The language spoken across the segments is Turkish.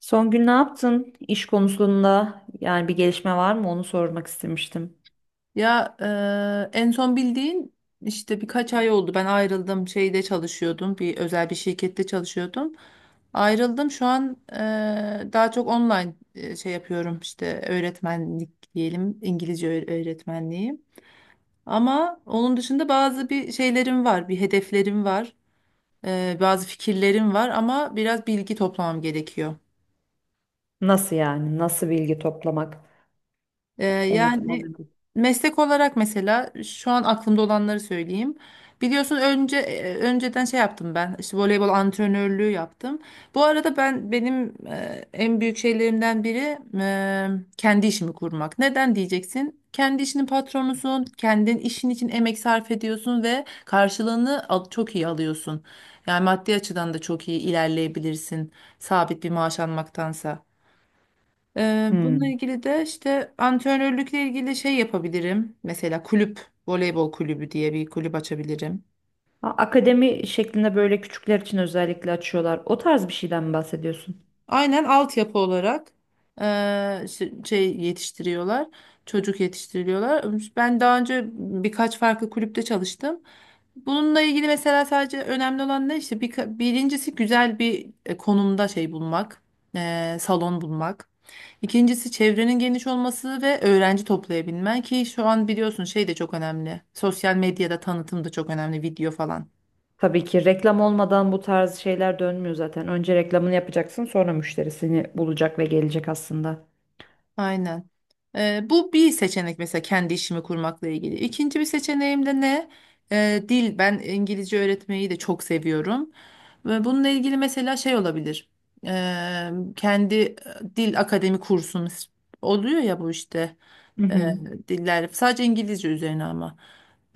Son gün ne yaptın? İş konusunda yani bir gelişme var mı? Onu sormak istemiştim. Ya en son bildiğin işte birkaç ay oldu. Ben ayrıldım. Şeyde çalışıyordum. Bir özel bir şirkette çalışıyordum. Ayrıldım. Şu an daha çok online şey yapıyorum. İşte öğretmenlik diyelim. İngilizce öğretmenliği. Ama onun dışında bazı bir şeylerim var. Bir hedeflerim var. Bazı fikirlerim var ama biraz bilgi toplamam gerekiyor. Nasıl yani? Nasıl bilgi toplamak? Onu Yani tamamen. meslek olarak mesela şu an aklımda olanları söyleyeyim. Biliyorsun önce önceden şey yaptım ben. İşte voleybol antrenörlüğü yaptım. Bu arada benim en büyük şeylerimden biri kendi işimi kurmak. Neden diyeceksin? Kendi işinin patronusun, kendin işin için emek sarf ediyorsun ve karşılığını çok iyi alıyorsun. Yani maddi açıdan da çok iyi ilerleyebilirsin sabit bir maaş almaktansa. Bununla Hmm. ilgili de işte antrenörlükle ilgili şey yapabilirim. Mesela kulüp, voleybol kulübü diye bir kulüp açabilirim. Akademi şeklinde böyle küçükler için özellikle açıyorlar. O tarz bir şeyden mi bahsediyorsun? Aynen altyapı olarak şey yetiştiriyorlar. Çocuk yetiştiriliyorlar. Ben daha önce birkaç farklı kulüpte çalıştım. Bununla ilgili mesela sadece önemli olan ne işte birincisi güzel bir konumda şey bulmak, salon bulmak. İkincisi çevrenin geniş olması ve öğrenci toplayabilmen ki şu an biliyorsun şey de çok önemli. Sosyal medyada tanıtım da çok önemli, video falan. Tabii ki reklam olmadan bu tarz şeyler dönmüyor zaten. Önce reklamını yapacaksın, sonra müşterisini bulacak ve gelecek aslında. Aynen. Bu bir seçenek mesela kendi işimi kurmakla ilgili. İkinci bir seçeneğim de ne? Dil. Ben İngilizce öğretmeyi de çok seviyorum. Ve bununla ilgili mesela şey olabilir. Ee, Kendi dil akademi kursumuz oluyor ya bu işte Hı e, hı, dillerle sadece İngilizce üzerine ama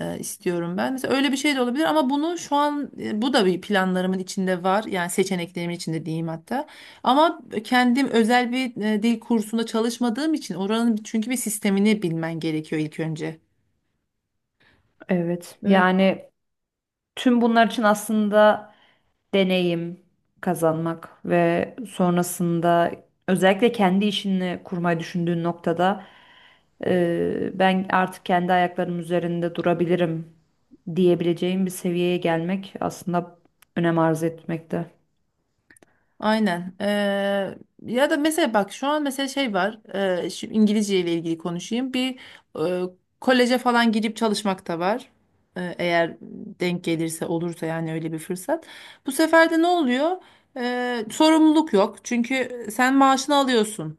istiyorum ben. Mesela öyle bir şey de olabilir ama bunu şu an bu da bir planlarımın içinde var. Yani seçeneklerimin içinde diyeyim hatta. Ama kendim özel bir dil kursunda çalışmadığım için oranın çünkü bir sistemini bilmen gerekiyor ilk önce. evet. Yani tüm bunlar için aslında deneyim kazanmak ve sonrasında özellikle kendi işini kurmayı düşündüğün noktada ben artık kendi ayaklarım üzerinde durabilirim diyebileceğim bir seviyeye gelmek aslında önem arz etmekte. Aynen. Ya da mesela bak şu an mesela şey var. Şu İngilizce ile ilgili konuşayım. Bir eee, koleje falan girip çalışmak da var. Eğer denk gelirse olursa yani öyle bir fırsat. Bu sefer de ne oluyor? Sorumluluk yok. Çünkü sen maaşını alıyorsun.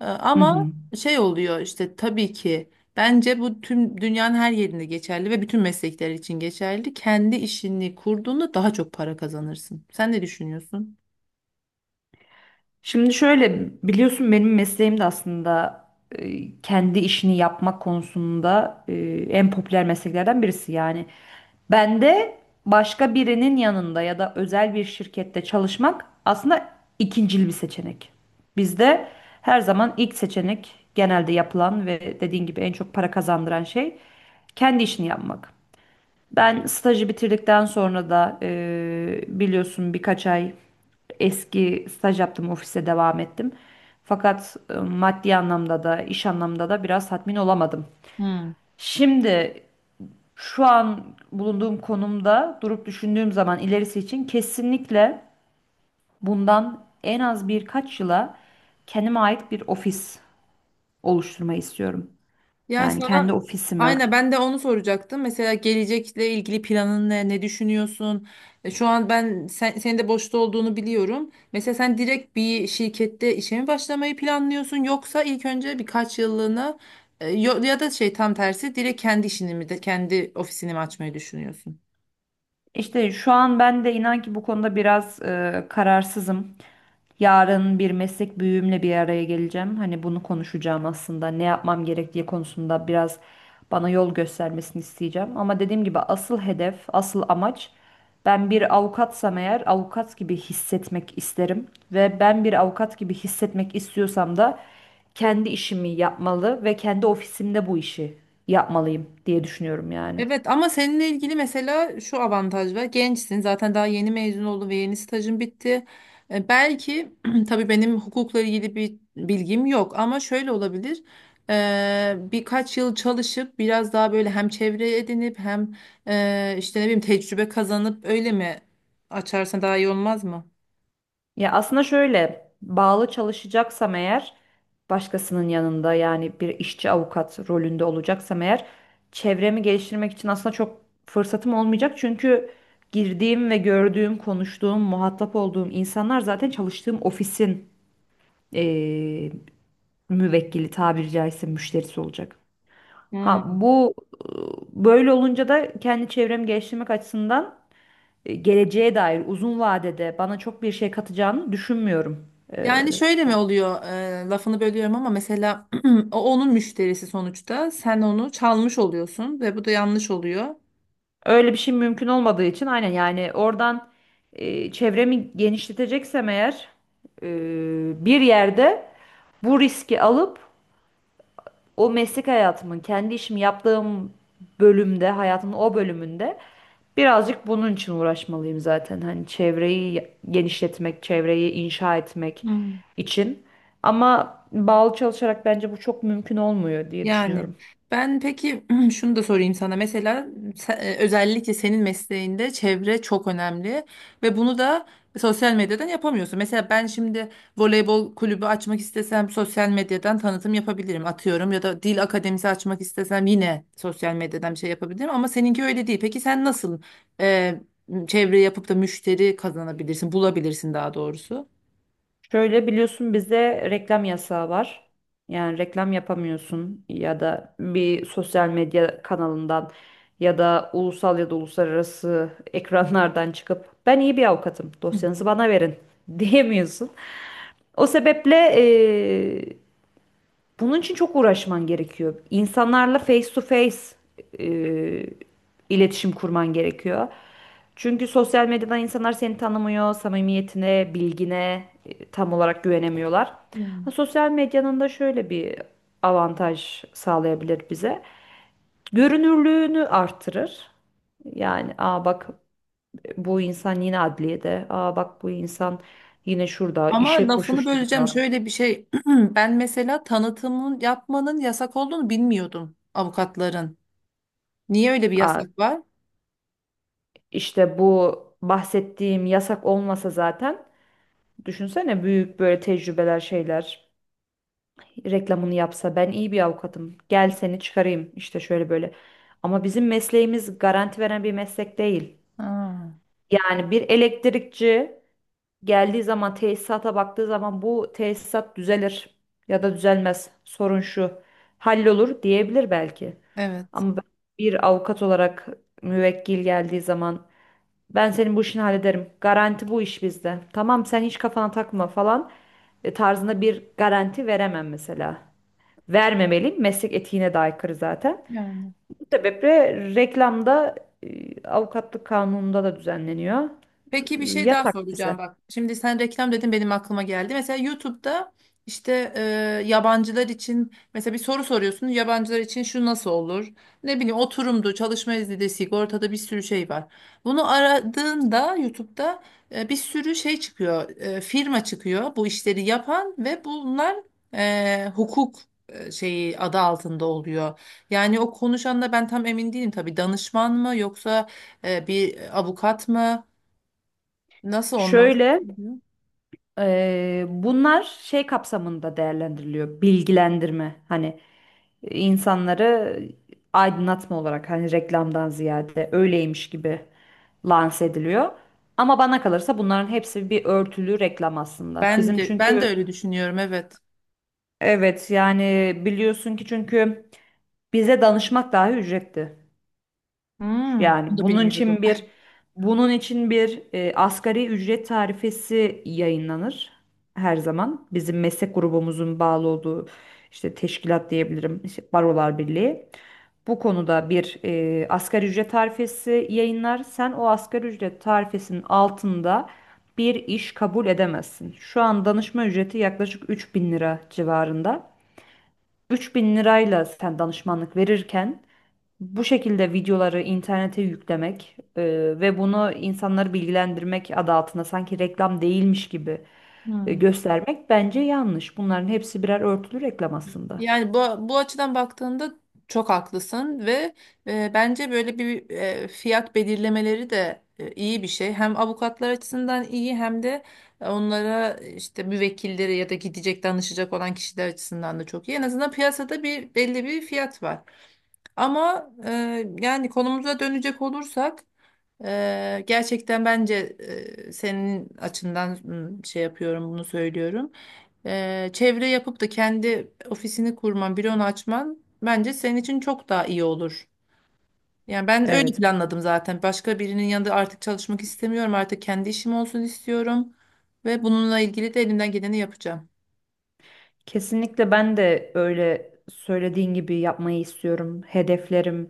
Hı Ama hı. şey oluyor işte tabii ki bence bu tüm dünyanın her yerinde geçerli ve bütün meslekler için geçerli. Kendi işini kurduğunda daha çok para kazanırsın. Sen ne düşünüyorsun? Şimdi şöyle biliyorsun benim mesleğim de aslında kendi işini yapmak konusunda en popüler mesleklerden birisi. Yani ben de başka birinin yanında ya da özel bir şirkette çalışmak aslında ikincil bir seçenek. Bizde her zaman ilk seçenek genelde yapılan ve dediğin gibi en çok para kazandıran şey kendi işini yapmak. Ben stajı bitirdikten sonra da biliyorsun birkaç ay eski staj yaptım, ofise devam ettim. Fakat maddi anlamda da iş anlamda da biraz tatmin olamadım. Hmm. Şimdi şu an bulunduğum konumda durup düşündüğüm zaman ilerisi için kesinlikle bundan en az birkaç yıla kendime ait bir ofis oluşturmayı istiyorum. Ya Yani kendi sana ofisimi. aynen ben de onu soracaktım. Mesela gelecekle ilgili planın ne, ne düşünüyorsun? Şu an senin de boşta olduğunu biliyorum. Mesela sen direkt bir şirkette işe mi başlamayı planlıyorsun yoksa ilk önce birkaç yıllığına ya da şey tam tersi direkt kendi işini mi kendi ofisini mi açmayı düşünüyorsun? İşte şu an ben de inan ki bu konuda biraz kararsızım. Yarın bir meslek büyüğümle bir araya geleceğim. Hani bunu konuşacağım aslında. Ne yapmam gerektiği konusunda biraz bana yol göstermesini isteyeceğim. Ama dediğim gibi asıl hedef, asıl amaç, ben bir avukatsam eğer avukat gibi hissetmek isterim. Ve ben bir avukat gibi hissetmek istiyorsam da kendi işimi yapmalı ve kendi ofisimde bu işi yapmalıyım diye düşünüyorum yani. Evet ama seninle ilgili mesela şu avantaj var. Gençsin zaten daha yeni mezun oldun ve yeni stajın bitti. Belki tabii benim hukukla ilgili bir bilgim yok ama şöyle olabilir. Birkaç yıl çalışıp biraz daha böyle hem çevre edinip hem işte ne bileyim tecrübe kazanıp öyle mi açarsan daha iyi olmaz mı? Ya aslında şöyle, bağlı çalışacaksam eğer, başkasının yanında yani bir işçi avukat rolünde olacaksam eğer, çevremi geliştirmek için aslında çok fırsatım olmayacak. Çünkü girdiğim ve gördüğüm, konuştuğum, muhatap olduğum insanlar zaten çalıştığım ofisin eee müvekkili, tabiri caizse müşterisi olacak. Ha Hmm. bu böyle olunca da kendi çevremi geliştirmek açısından geleceğe dair uzun vadede bana çok bir şey katacağını düşünmüyorum. Ee, Yani şöyle mi oluyor? Lafını bölüyorum ama mesela onun müşterisi sonuçta. Sen onu çalmış oluyorsun ve bu da yanlış oluyor. öyle bir şey mümkün olmadığı için aynen, yani oradan çevremi genişleteceksem eğer e, bir yerde bu riski alıp o meslek hayatımın, kendi işimi yaptığım bölümde, hayatımın o bölümünde birazcık bunun için uğraşmalıyım zaten. Hani çevreyi genişletmek, çevreyi inşa etmek için. Ama bağlı çalışarak bence bu çok mümkün olmuyor diye Yani düşünüyorum. ben peki şunu da sorayım sana. Mesela özellikle senin mesleğinde çevre çok önemli ve bunu da sosyal medyadan yapamıyorsun. Mesela ben şimdi voleybol kulübü açmak istesem sosyal medyadan tanıtım yapabilirim atıyorum ya da dil akademisi açmak istesem yine sosyal medyadan bir şey yapabilirim ama seninki öyle değil. Peki sen nasıl e, çevre yapıp da müşteri kazanabilirsin, bulabilirsin daha doğrusu? Şöyle, biliyorsun bizde reklam yasağı var. Yani reklam yapamıyorsun ya da bir sosyal medya kanalından ya da ulusal ya da uluslararası ekranlardan çıkıp "ben iyi bir avukatım, dosyanızı bana verin" diyemiyorsun. O sebeple bunun için çok uğraşman gerekiyor. İnsanlarla face to face e, iletişim kurman gerekiyor. Çünkü sosyal medyadan insanlar seni tanımıyor, samimiyetine, bilgine tam olarak güvenemiyorlar. Ha, sosyal medyanın da şöyle bir avantaj sağlayabilir bize. Görünürlüğünü artırır. Yani "aa bak bu insan yine adliyede, aa bak bu insan yine şurada Ama işe lafını böleceğim koşuşturuyor." şöyle bir şey. Ben mesela tanıtımın yapmanın yasak olduğunu bilmiyordum avukatların. Niye öyle bir yasak var? İşte bu bahsettiğim yasak olmasa zaten, düşünsene büyük böyle tecrübeler şeyler reklamını yapsa, "ben iyi bir avukatım, gel seni çıkarayım işte şöyle böyle." Ama bizim mesleğimiz garanti veren bir meslek değil. Ha, Yani bir elektrikçi geldiği zaman, tesisata baktığı zaman, bu tesisat düzelir ya da düzelmez, sorun şu, hallolur diyebilir belki. evet. Ama ben bir avukat olarak müvekkil geldiği zaman, ben senin bu işini hallederim. Garanti bu iş bizde. Tamam sen hiç kafana takma" falan tarzında bir garanti veremem mesela. Vermemeliyim. Meslek etiğine de aykırı zaten. Yani. Bu sebeple reklamda avukatlık kanununda da düzenleniyor. Peki bir şey daha Yasak soracağım bize. bak. Şimdi sen reklam dedin benim aklıma geldi. Mesela YouTube'da işte yabancılar için mesela bir soru soruyorsun. Yabancılar için şu nasıl olur? Ne bileyim oturumdu, çalışma izni sigortada bir sürü şey var. Bunu aradığında YouTube'da bir sürü şey çıkıyor. Firma çıkıyor bu işleri yapan ve bunlar hukuk şeyi adı altında oluyor. Yani o konuşanla ben tam emin değilim tabii danışman mı yoksa bir avukat mı? Nasıl onlar? Şöyle, bunlar şey kapsamında değerlendiriliyor. Bilgilendirme. Hani insanları aydınlatma olarak, hani reklamdan ziyade öyleymiş gibi lanse ediliyor. Ama bana kalırsa bunların hepsi bir örtülü reklam aslında. Ben Bizim de ben de çünkü, öyle düşünüyorum evet. evet, yani biliyorsun ki, çünkü bize danışmak dahi ücretli. Hmm, bunu Yani da bunun bilmiyordum. için bir, asgari ücret tarifesi yayınlanır her zaman. Bizim meslek grubumuzun bağlı olduğu işte teşkilat diyebilirim, işte Barolar Birliği. Bu konuda bir asgari ücret tarifesi yayınlar. Sen o asgari ücret tarifesinin altında bir iş kabul edemezsin. Şu an danışma ücreti yaklaşık 3.000 lira civarında. 3.000 lirayla sen danışmanlık verirken bu şekilde videoları internete yüklemek ve bunu insanları bilgilendirmek adı altında sanki reklam değilmiş gibi Hmm. göstermek bence yanlış. Bunların hepsi birer örtülü reklam aslında. Yani bu açıdan baktığında çok haklısın ve bence böyle bir fiyat belirlemeleri de iyi bir şey. Hem avukatlar açısından iyi hem de onlara işte müvekkilleri ya da gidecek danışacak olan kişiler açısından da çok iyi. En azından piyasada bir belli bir fiyat var. Ama yani konumuza dönecek olursak gerçekten bence senin açından şey yapıyorum bunu söylüyorum. Çevre yapıp da kendi ofisini kurman, büronu açman bence senin için çok daha iyi olur. Yani ben öyle Evet. planladım zaten. Başka birinin yanında artık çalışmak istemiyorum. Artık kendi işim olsun istiyorum ve bununla ilgili de elimden geleni yapacağım. Kesinlikle ben de öyle söylediğin gibi yapmayı istiyorum. Hedeflerim,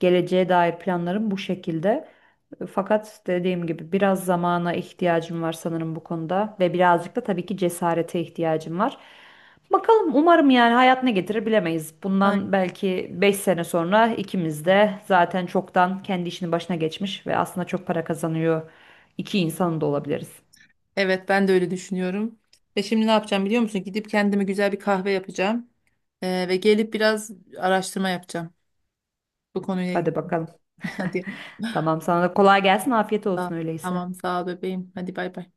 geleceğe dair planlarım bu şekilde. Fakat dediğim gibi biraz zamana ihtiyacım var sanırım bu konuda, ve birazcık da tabii ki cesarete ihtiyacım var. Bakalım, umarım, yani hayat ne getirir bilemeyiz. Bundan belki 5 sene sonra ikimiz de zaten çoktan kendi işinin başına geçmiş ve aslında çok para kazanıyor iki insanın da olabiliriz. Evet ben de öyle düşünüyorum. Ve şimdi ne yapacağım biliyor musun? Gidip kendime güzel bir kahve yapacağım. Ve gelip biraz araştırma yapacağım bu konuyla ilgili. Hadi bakalım. Hadi. Tamam sana da kolay gelsin, afiyet Sağ- olsun öyleyse. Tamam sağ ol bebeğim. Hadi bay bay.